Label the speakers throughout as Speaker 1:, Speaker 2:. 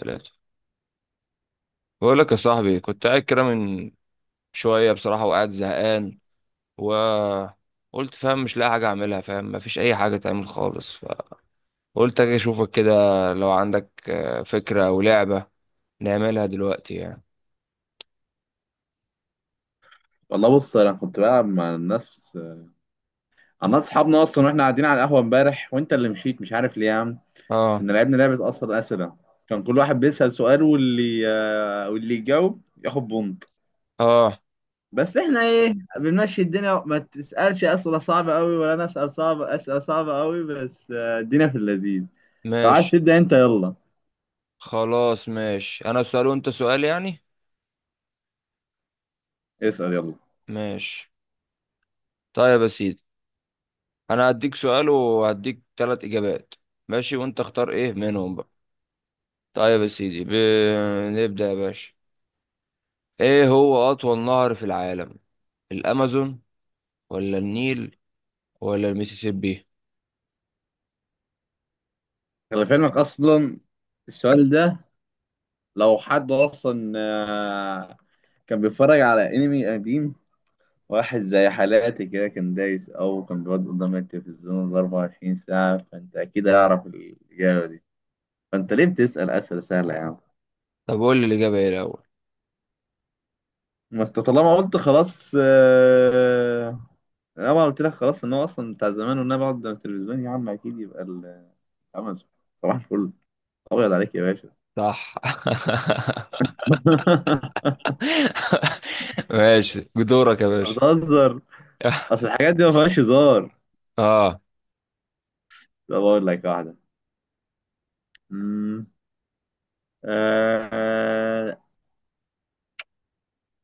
Speaker 1: ثلاثة. بقول لك يا صاحبي، كنت قاعد كده من شوية بصراحة وقاعد زهقان، وقلت فاهم، مش لاقي حاجة أعملها، فاهم، مفيش أي حاجة تعمل خالص. فقلت أجي أشوفك كده، لو عندك فكرة أو لعبة نعملها دلوقتي يعني.
Speaker 2: والله بص، انا كنت بلعب مع الناس. انا اصحابنا اصلا، واحنا قاعدين على القهوه امبارح، وانت اللي مشيت مش عارف ليه يا عم.
Speaker 1: آه.
Speaker 2: كنا لعبنا لعبه اصلا، اسئله. كان كل واحد بيسال سؤال، واللي واللي يجاوب ياخد بونت.
Speaker 1: آه.
Speaker 2: بس احنا ايه، بنمشي الدنيا، ما تسالش اسئله صعبه قوي، ولا انا اسال صعب اسئله صعبه قوي، بس الدنيا في اللذيذ. لو عايز
Speaker 1: ماشي.
Speaker 2: تبدا انت يلا.
Speaker 1: خلاص ماشي، أنا سؤال وأنت سؤال يعني.
Speaker 2: اسال يلا.
Speaker 1: ماشي. طيب يا سيدي، أنا هديك سؤال وهديك تلات إجابات، ماشي، وأنت اختار إيه منهم بقى. طيب يا سيدي نبدأ يا باشا. ايه هو اطول نهر في العالم؟ الامازون ولا النيل ولا الميسيسيبي؟
Speaker 2: خلي في علمك اصلا السؤال ده، لو حد اصلا كان بيتفرج على انمي قديم، واحد زي حالاتي كده كان دايس، أو كان بيقعد قدام التلفزيون 24 ساعة، فأنت أكيد هيعرف الإجابة دي. فأنت ليه بتسأل أسئلة سهلة يا عم؟
Speaker 1: طب قول لي الاجابه ايه الاول.
Speaker 2: ما أنت طالما قلت خلاص أنا ما قلت لك خلاص إن هو أصلا بتاع زمان، وإن أنا بقعد قدام التلفزيون يا عم أكيد يبقى أمازون. صباح الفل. أبيض عليك يا باشا.
Speaker 1: صح. ماشي، دورك يا
Speaker 2: أنت
Speaker 1: باشا.
Speaker 2: بتهزر. أصل الحاجات دي ما فيهاش هزار.
Speaker 1: اه،
Speaker 2: طب أقول لك واحدة. أمم. آه،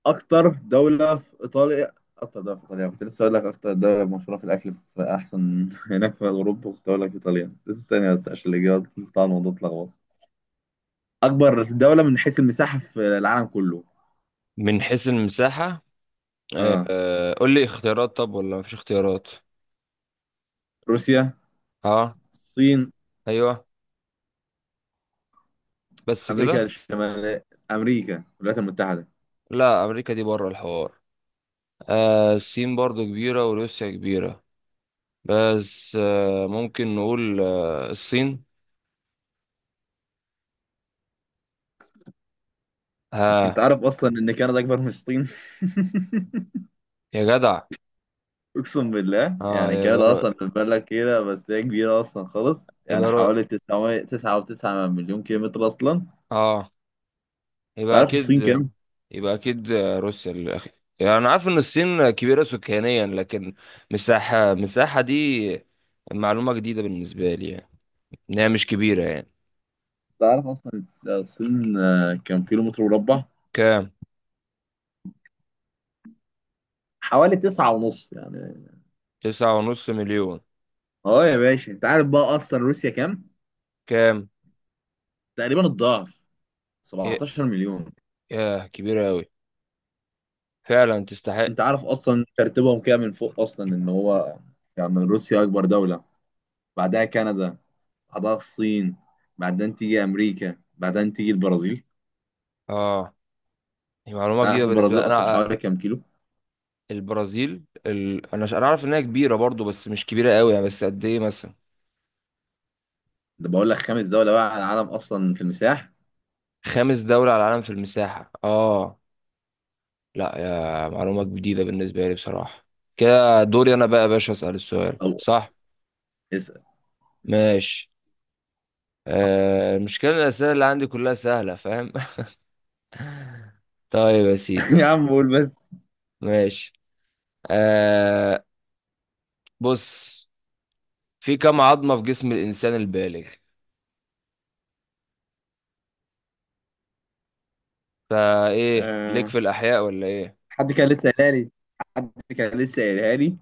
Speaker 2: اكتر دولة في ايطاليا، كنت لسه اقول لك اكتر دولة مشهورة في الاكل في احسن هناك في اوروبا، كنت اقول لك ايطاليا لسه ثانية، بس عشان الاجابات بتاع الموضوع اتلخبط. اكبر دولة من حيث المساحة في العالم كله.
Speaker 1: من حيث المساحه. آه.
Speaker 2: اه،
Speaker 1: قول لي اختيارات، طب ولا مفيش اختيارات؟
Speaker 2: روسيا.
Speaker 1: اه.
Speaker 2: الصين.
Speaker 1: ايوه، بس
Speaker 2: امريكا
Speaker 1: كده؟
Speaker 2: الشمالية. امريكا الولايات المتحدة.
Speaker 1: لا، امريكا دي بره الحوار. آه، الصين برضو كبيره وروسيا كبيره، بس آه ممكن نقول آه الصين.
Speaker 2: انت
Speaker 1: ها؟
Speaker 2: عارف اصلا ان كندا اكبر من الصين؟
Speaker 1: يا جدع،
Speaker 2: اقسم بالله،
Speaker 1: اه
Speaker 2: يعني
Speaker 1: يبقى
Speaker 2: كندا اصلا من بلد كده، بس هي كبيرة اصلا خالص. يعني
Speaker 1: يبقى
Speaker 2: حوالي 900 9.9 مليون كيلومتر اصلا.
Speaker 1: اه، يبقى
Speaker 2: تعرف
Speaker 1: اكيد،
Speaker 2: الصين كام؟
Speaker 1: يبقى اكيد روسيا الاخير. يعني انا عارف ان الصين كبيره سكانيا، لكن مساحه، دي معلومه جديده بالنسبه لي يعني، ان هي مش كبيره يعني.
Speaker 2: تعرف اصلا الصين كام كيلو متر مربع.
Speaker 1: كام؟
Speaker 2: حوالي 9.5 يعني.
Speaker 1: تسعة ونص مليون.
Speaker 2: اه يا باشا، انت عارف بقى اصلا روسيا كام؟
Speaker 1: كام؟
Speaker 2: تقريبا الضعف،
Speaker 1: ياه.
Speaker 2: 17 مليون.
Speaker 1: ياه، كبيره قوي، فعلا تستحق.
Speaker 2: انت عارف اصلا ترتيبهم كده من فوق اصلا ان هو، يعني روسيا اكبر دولة، بعدها كندا، بعدها الصين، بعدين تيجي امريكا، بعدين تيجي البرازيل.
Speaker 1: اه، دي معلومه
Speaker 2: انت عارف
Speaker 1: جديده بالنسبه لي
Speaker 2: البرازيل اصلا
Speaker 1: انا
Speaker 2: حوالي كام كيلو؟
Speaker 1: البرازيل انا انا عارف انها كبيره برضو، بس مش كبيره قوي يعني، بس قد ايه مثلا؟
Speaker 2: ده بقول لك خامس دولة بقى على العالم اصلا في المساحة.
Speaker 1: خامس دوله على العالم في المساحه؟ اه، لا يا معلومة جديدة بالنسبة لي بصراحة. كده دوري أنا بقى يا باشا، أسأل السؤال،
Speaker 2: او
Speaker 1: صح؟
Speaker 2: اسأل.
Speaker 1: ماشي. آه، المشكلة إن الأسئلة اللي عندي كلها سهلة، فاهم؟ طيب يا سيدي،
Speaker 2: يا عم قول بس.
Speaker 1: ماشي، آه، بص، في كم عظمة في جسم الإنسان البالغ؟ فإيه ليك
Speaker 2: آه،
Speaker 1: في الأحياء ولا إيه؟
Speaker 2: حد كان لسه قايلها لي. حد كان لسه قايلها لي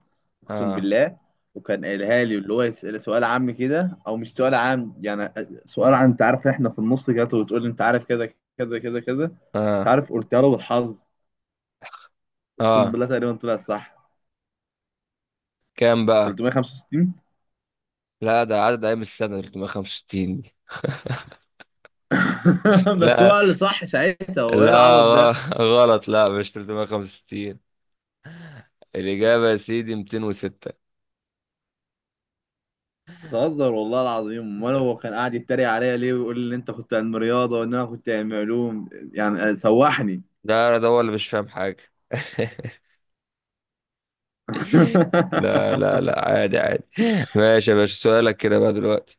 Speaker 2: اقسم
Speaker 1: آه.
Speaker 2: بالله. وكان قايلها لي، اللي هو يسأل سؤال عام كده او مش سؤال عام يعني، سؤال عن انت عارف احنا في النص كده، وتقول لي انت عارف كده كده كده كده، انت
Speaker 1: آه.
Speaker 2: عارف قلتها له بالحظ. اقسم
Speaker 1: آه،
Speaker 2: بالله تقريبا طلع صح.
Speaker 1: كام بقى؟
Speaker 2: 365.
Speaker 1: لا، ده عدد أيام السنة 365 دي.
Speaker 2: بس
Speaker 1: لا،
Speaker 2: هو اللي صح ساعتها، هو ايه
Speaker 1: لا،
Speaker 2: العبط ده؟
Speaker 1: غلط، لا مش 365. الإجابة يا سيدي 206.
Speaker 2: بتهزر والله العظيم. امال هو كان قاعد يتريق عليا ليه، ويقول لي ان انت كنت علم رياضه وان انا كنت علم علوم يعني، سوحني.
Speaker 1: ده أنا ده هو اللي مش فاهم حاجة. لا لا لا، عادي عادي. ماشي يا باشا، سؤالك كده بقى دلوقتي.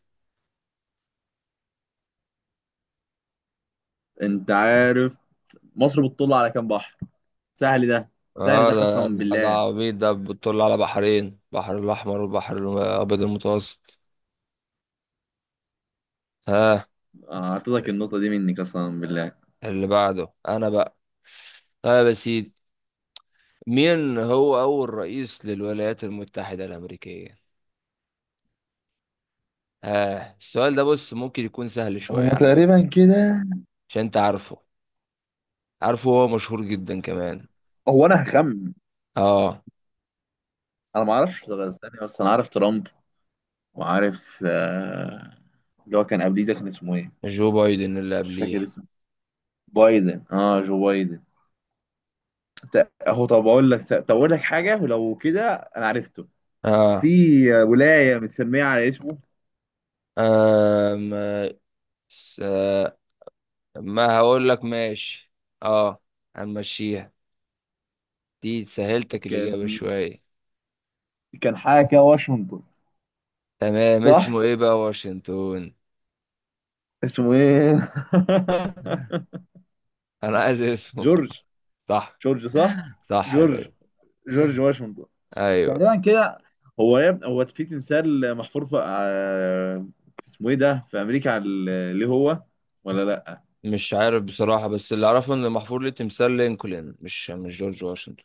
Speaker 2: انت عارف مصر بتطل على كام بحر؟ سهل ده. سهل
Speaker 1: اه،
Speaker 2: ده قسما
Speaker 1: ده
Speaker 2: بالله.
Speaker 1: عبيط ده، بتطل على بحرين، بحر الأحمر والبحر الأبيض المتوسط. ها؟
Speaker 2: اعطيتك النقطة دي مني قسما بالله.
Speaker 1: اللي بعده أنا بقى. طيب يا سيدي، مين هو أول رئيس للولايات المتحدة الأمريكية؟ آه، السؤال ده بص ممكن يكون سهل
Speaker 2: هما
Speaker 1: شوية على
Speaker 2: تقريبا
Speaker 1: فكرة،
Speaker 2: كده.
Speaker 1: عشان أنت عارفه، عارفه، هو مشهور جدا كمان.
Speaker 2: هو انا هخمن.
Speaker 1: آه.
Speaker 2: انا ما اعرفش غير ثانية، بس انا عارف ترامب. وعارف اللي هو كان قبليه ده كان اسمه ايه.
Speaker 1: جو بايدن اللي
Speaker 2: مش فاكر
Speaker 1: قبليه.
Speaker 2: اسمه. بايدن، اه جو بايدن. اهو. طب اقول لك، حاجة، ولو كده انا عرفته. في
Speaker 1: اه.
Speaker 2: ولاية متسمية على اسمه.
Speaker 1: آم، س- ما هقول لك ماشي. اه، هنمشيها، دي سهلتك الإجابة
Speaker 2: كان
Speaker 1: شوية.
Speaker 2: كان حاجة كده، واشنطن.
Speaker 1: تمام،
Speaker 2: صح.
Speaker 1: اسمه ايه بقى واشنطن؟
Speaker 2: اسمه ايه؟
Speaker 1: انا عايز اسمه.
Speaker 2: جورج.
Speaker 1: صح.
Speaker 2: جورج صح.
Speaker 1: صح يا
Speaker 2: جورج.
Speaker 1: باشا.
Speaker 2: جورج واشنطن.
Speaker 1: ايوه.
Speaker 2: تقريبا كده. هو يا ابني هو في تمثال محفور في في اسمه ايه ده في امريكا، على ليه هو؟ ولا لا.
Speaker 1: مش عارف بصراحة، بس اللي اعرفه ان محفور ليه تمثال لينكولن، مش جورج واشنطن.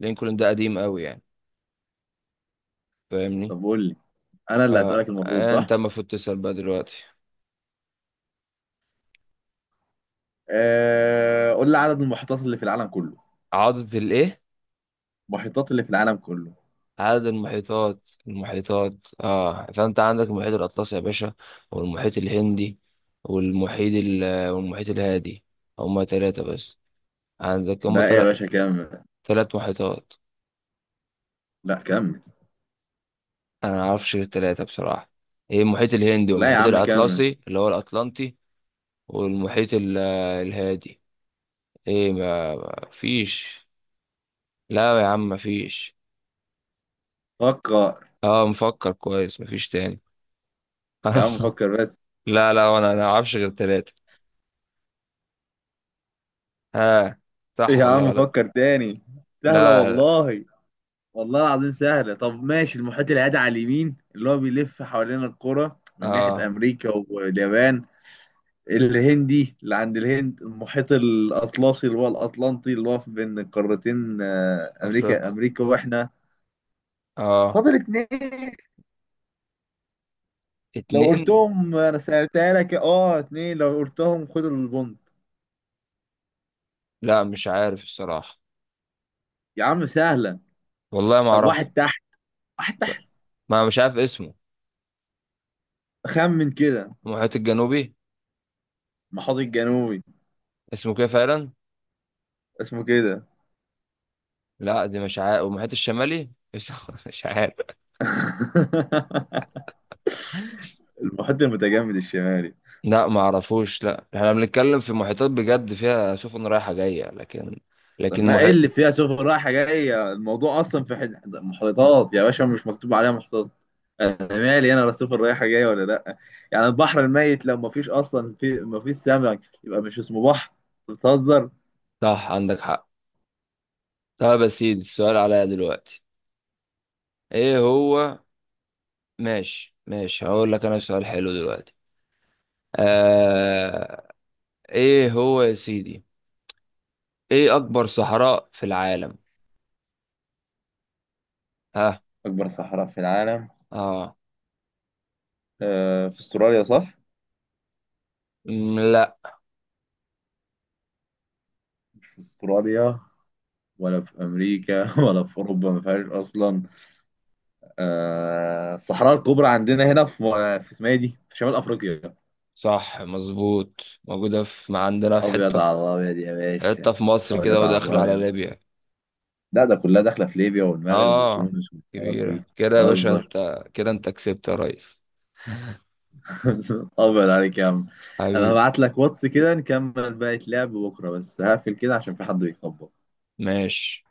Speaker 1: لينكولن ده قديم قوي يعني، فاهمني؟
Speaker 2: طب قول لي، انا اللي
Speaker 1: آه.
Speaker 2: هسألك المفروض صح.
Speaker 1: انت المفروض تسأل بقى دلوقتي.
Speaker 2: قول لي عدد المحيطات اللي في العالم كله.
Speaker 1: عضة الايه؟
Speaker 2: المحيطات اللي في العالم كله
Speaker 1: عدد المحيطات؟ المحيطات، اه، فانت عندك المحيط الاطلسي يا باشا، والمحيط الهندي، والمحيط والمحيط الهادي. هما تلاتة بس. عندك هما
Speaker 2: لا يا باشا، كمل.
Speaker 1: تلات محيطات.
Speaker 2: لا كمل.
Speaker 1: انا معرفش غير التلاتة بصراحة. ايه؟ المحيط الهندي
Speaker 2: لا يا
Speaker 1: والمحيط
Speaker 2: عم كمل.
Speaker 1: الاطلسي اللي هو الاطلنطي، والمحيط الهادي. ايه، ما ما فيش. لا يا عم، ما فيش.
Speaker 2: فكر.
Speaker 1: اه، مفكر كويس، ما فيش تاني.
Speaker 2: يا عم فكر بس.
Speaker 1: لا لا، انا معرفش غير التلاتة. ها؟ صح
Speaker 2: يا
Speaker 1: ولا
Speaker 2: عم
Speaker 1: غلط؟
Speaker 2: فكر تاني. سهلة
Speaker 1: لا.
Speaker 2: والله. والله العظيم سهلة. طب ماشي، المحيط الهادي على اليمين، اللي هو بيلف حوالين القرى من ناحية
Speaker 1: اه.
Speaker 2: أمريكا واليابان. الهندي اللي عند الهند. المحيط الأطلسي اللي هو الأطلنطي، اللي هو بين القارتين أمريكا،
Speaker 1: افريقيا.
Speaker 2: وإحنا.
Speaker 1: اه.
Speaker 2: فاضل اتنين. لو
Speaker 1: اتنين.
Speaker 2: قلتهم أنا سألتها لك، أه اتنين لو قلتهم خد البونت.
Speaker 1: لا، مش عارف الصراحة.
Speaker 2: يا عم سهلة.
Speaker 1: والله ما
Speaker 2: طب
Speaker 1: اعرف.
Speaker 2: واحد تحت. واحد تحت
Speaker 1: ما مش عارف اسمه.
Speaker 2: خمن كده.
Speaker 1: المحيط الجنوبي؟
Speaker 2: المحيط الجنوبي.
Speaker 1: اسمه كده فعلا؟
Speaker 2: اسمه كده.
Speaker 1: لا دي مش عارف، والمحيط الشمالي مش عارف.
Speaker 2: المحيط المتجمد الشمالي.
Speaker 1: لا ما اعرفوش، لا احنا بنتكلم في محيطات بجد، فيها سفن رايحة جاية، لكن
Speaker 2: طب
Speaker 1: لكن
Speaker 2: ما ايه اللي
Speaker 1: محيط.
Speaker 2: فيها سفن رايحه جايه؟ الموضوع اصلا محيطات يا باشا، مش مكتوب عليها محيطات. انا مالي انا، لا سفن رايحه جايه ولا لا. يعني البحر الميت لو ما فيش اصلا في، ما فيش سمك، يبقى مش اسمه بحر. أنت بتهزر.
Speaker 1: صح، عندك حق. طب يا سيدي، السؤال عليا دلوقتي. ايه هو؟ ماشي ماشي، هقول لك انا سؤال حلو دلوقتي. آه... ايه هو يا سيدي؟ ايه اكبر صحراء في العالم؟ ها؟
Speaker 2: اكبر صحراء في العالم.
Speaker 1: اه.
Speaker 2: في استراليا صح؟
Speaker 1: مم، لا.
Speaker 2: مش في استراليا. ولا في امريكا ولا في اوروبا، ما فيهاش اصلا. آه الصحراء الكبرى عندنا هنا في، في اسمها إيه دي، في شمال افريقيا.
Speaker 1: صح مظبوط، موجودة في، ما عندنا في
Speaker 2: ابيض
Speaker 1: حتة في،
Speaker 2: على الابيض يا باشا.
Speaker 1: حتة في مصر كده
Speaker 2: ابيض على
Speaker 1: وداخل على
Speaker 2: الابيض.
Speaker 1: ليبيا.
Speaker 2: لا ده كلها داخله في ليبيا والمغرب
Speaker 1: اه،
Speaker 2: وتونس والحوارات دي.
Speaker 1: كبيرة كده يا باشا،
Speaker 2: بتهزر.
Speaker 1: انت كده انت كسبت يا ريس.
Speaker 2: ابيض عليك يا عم. انا
Speaker 1: حبيبي.
Speaker 2: هبعت لك واتس كده نكمل باقي لعب بكره، بس هقفل كده عشان في حد بيخبط.
Speaker 1: ماشي.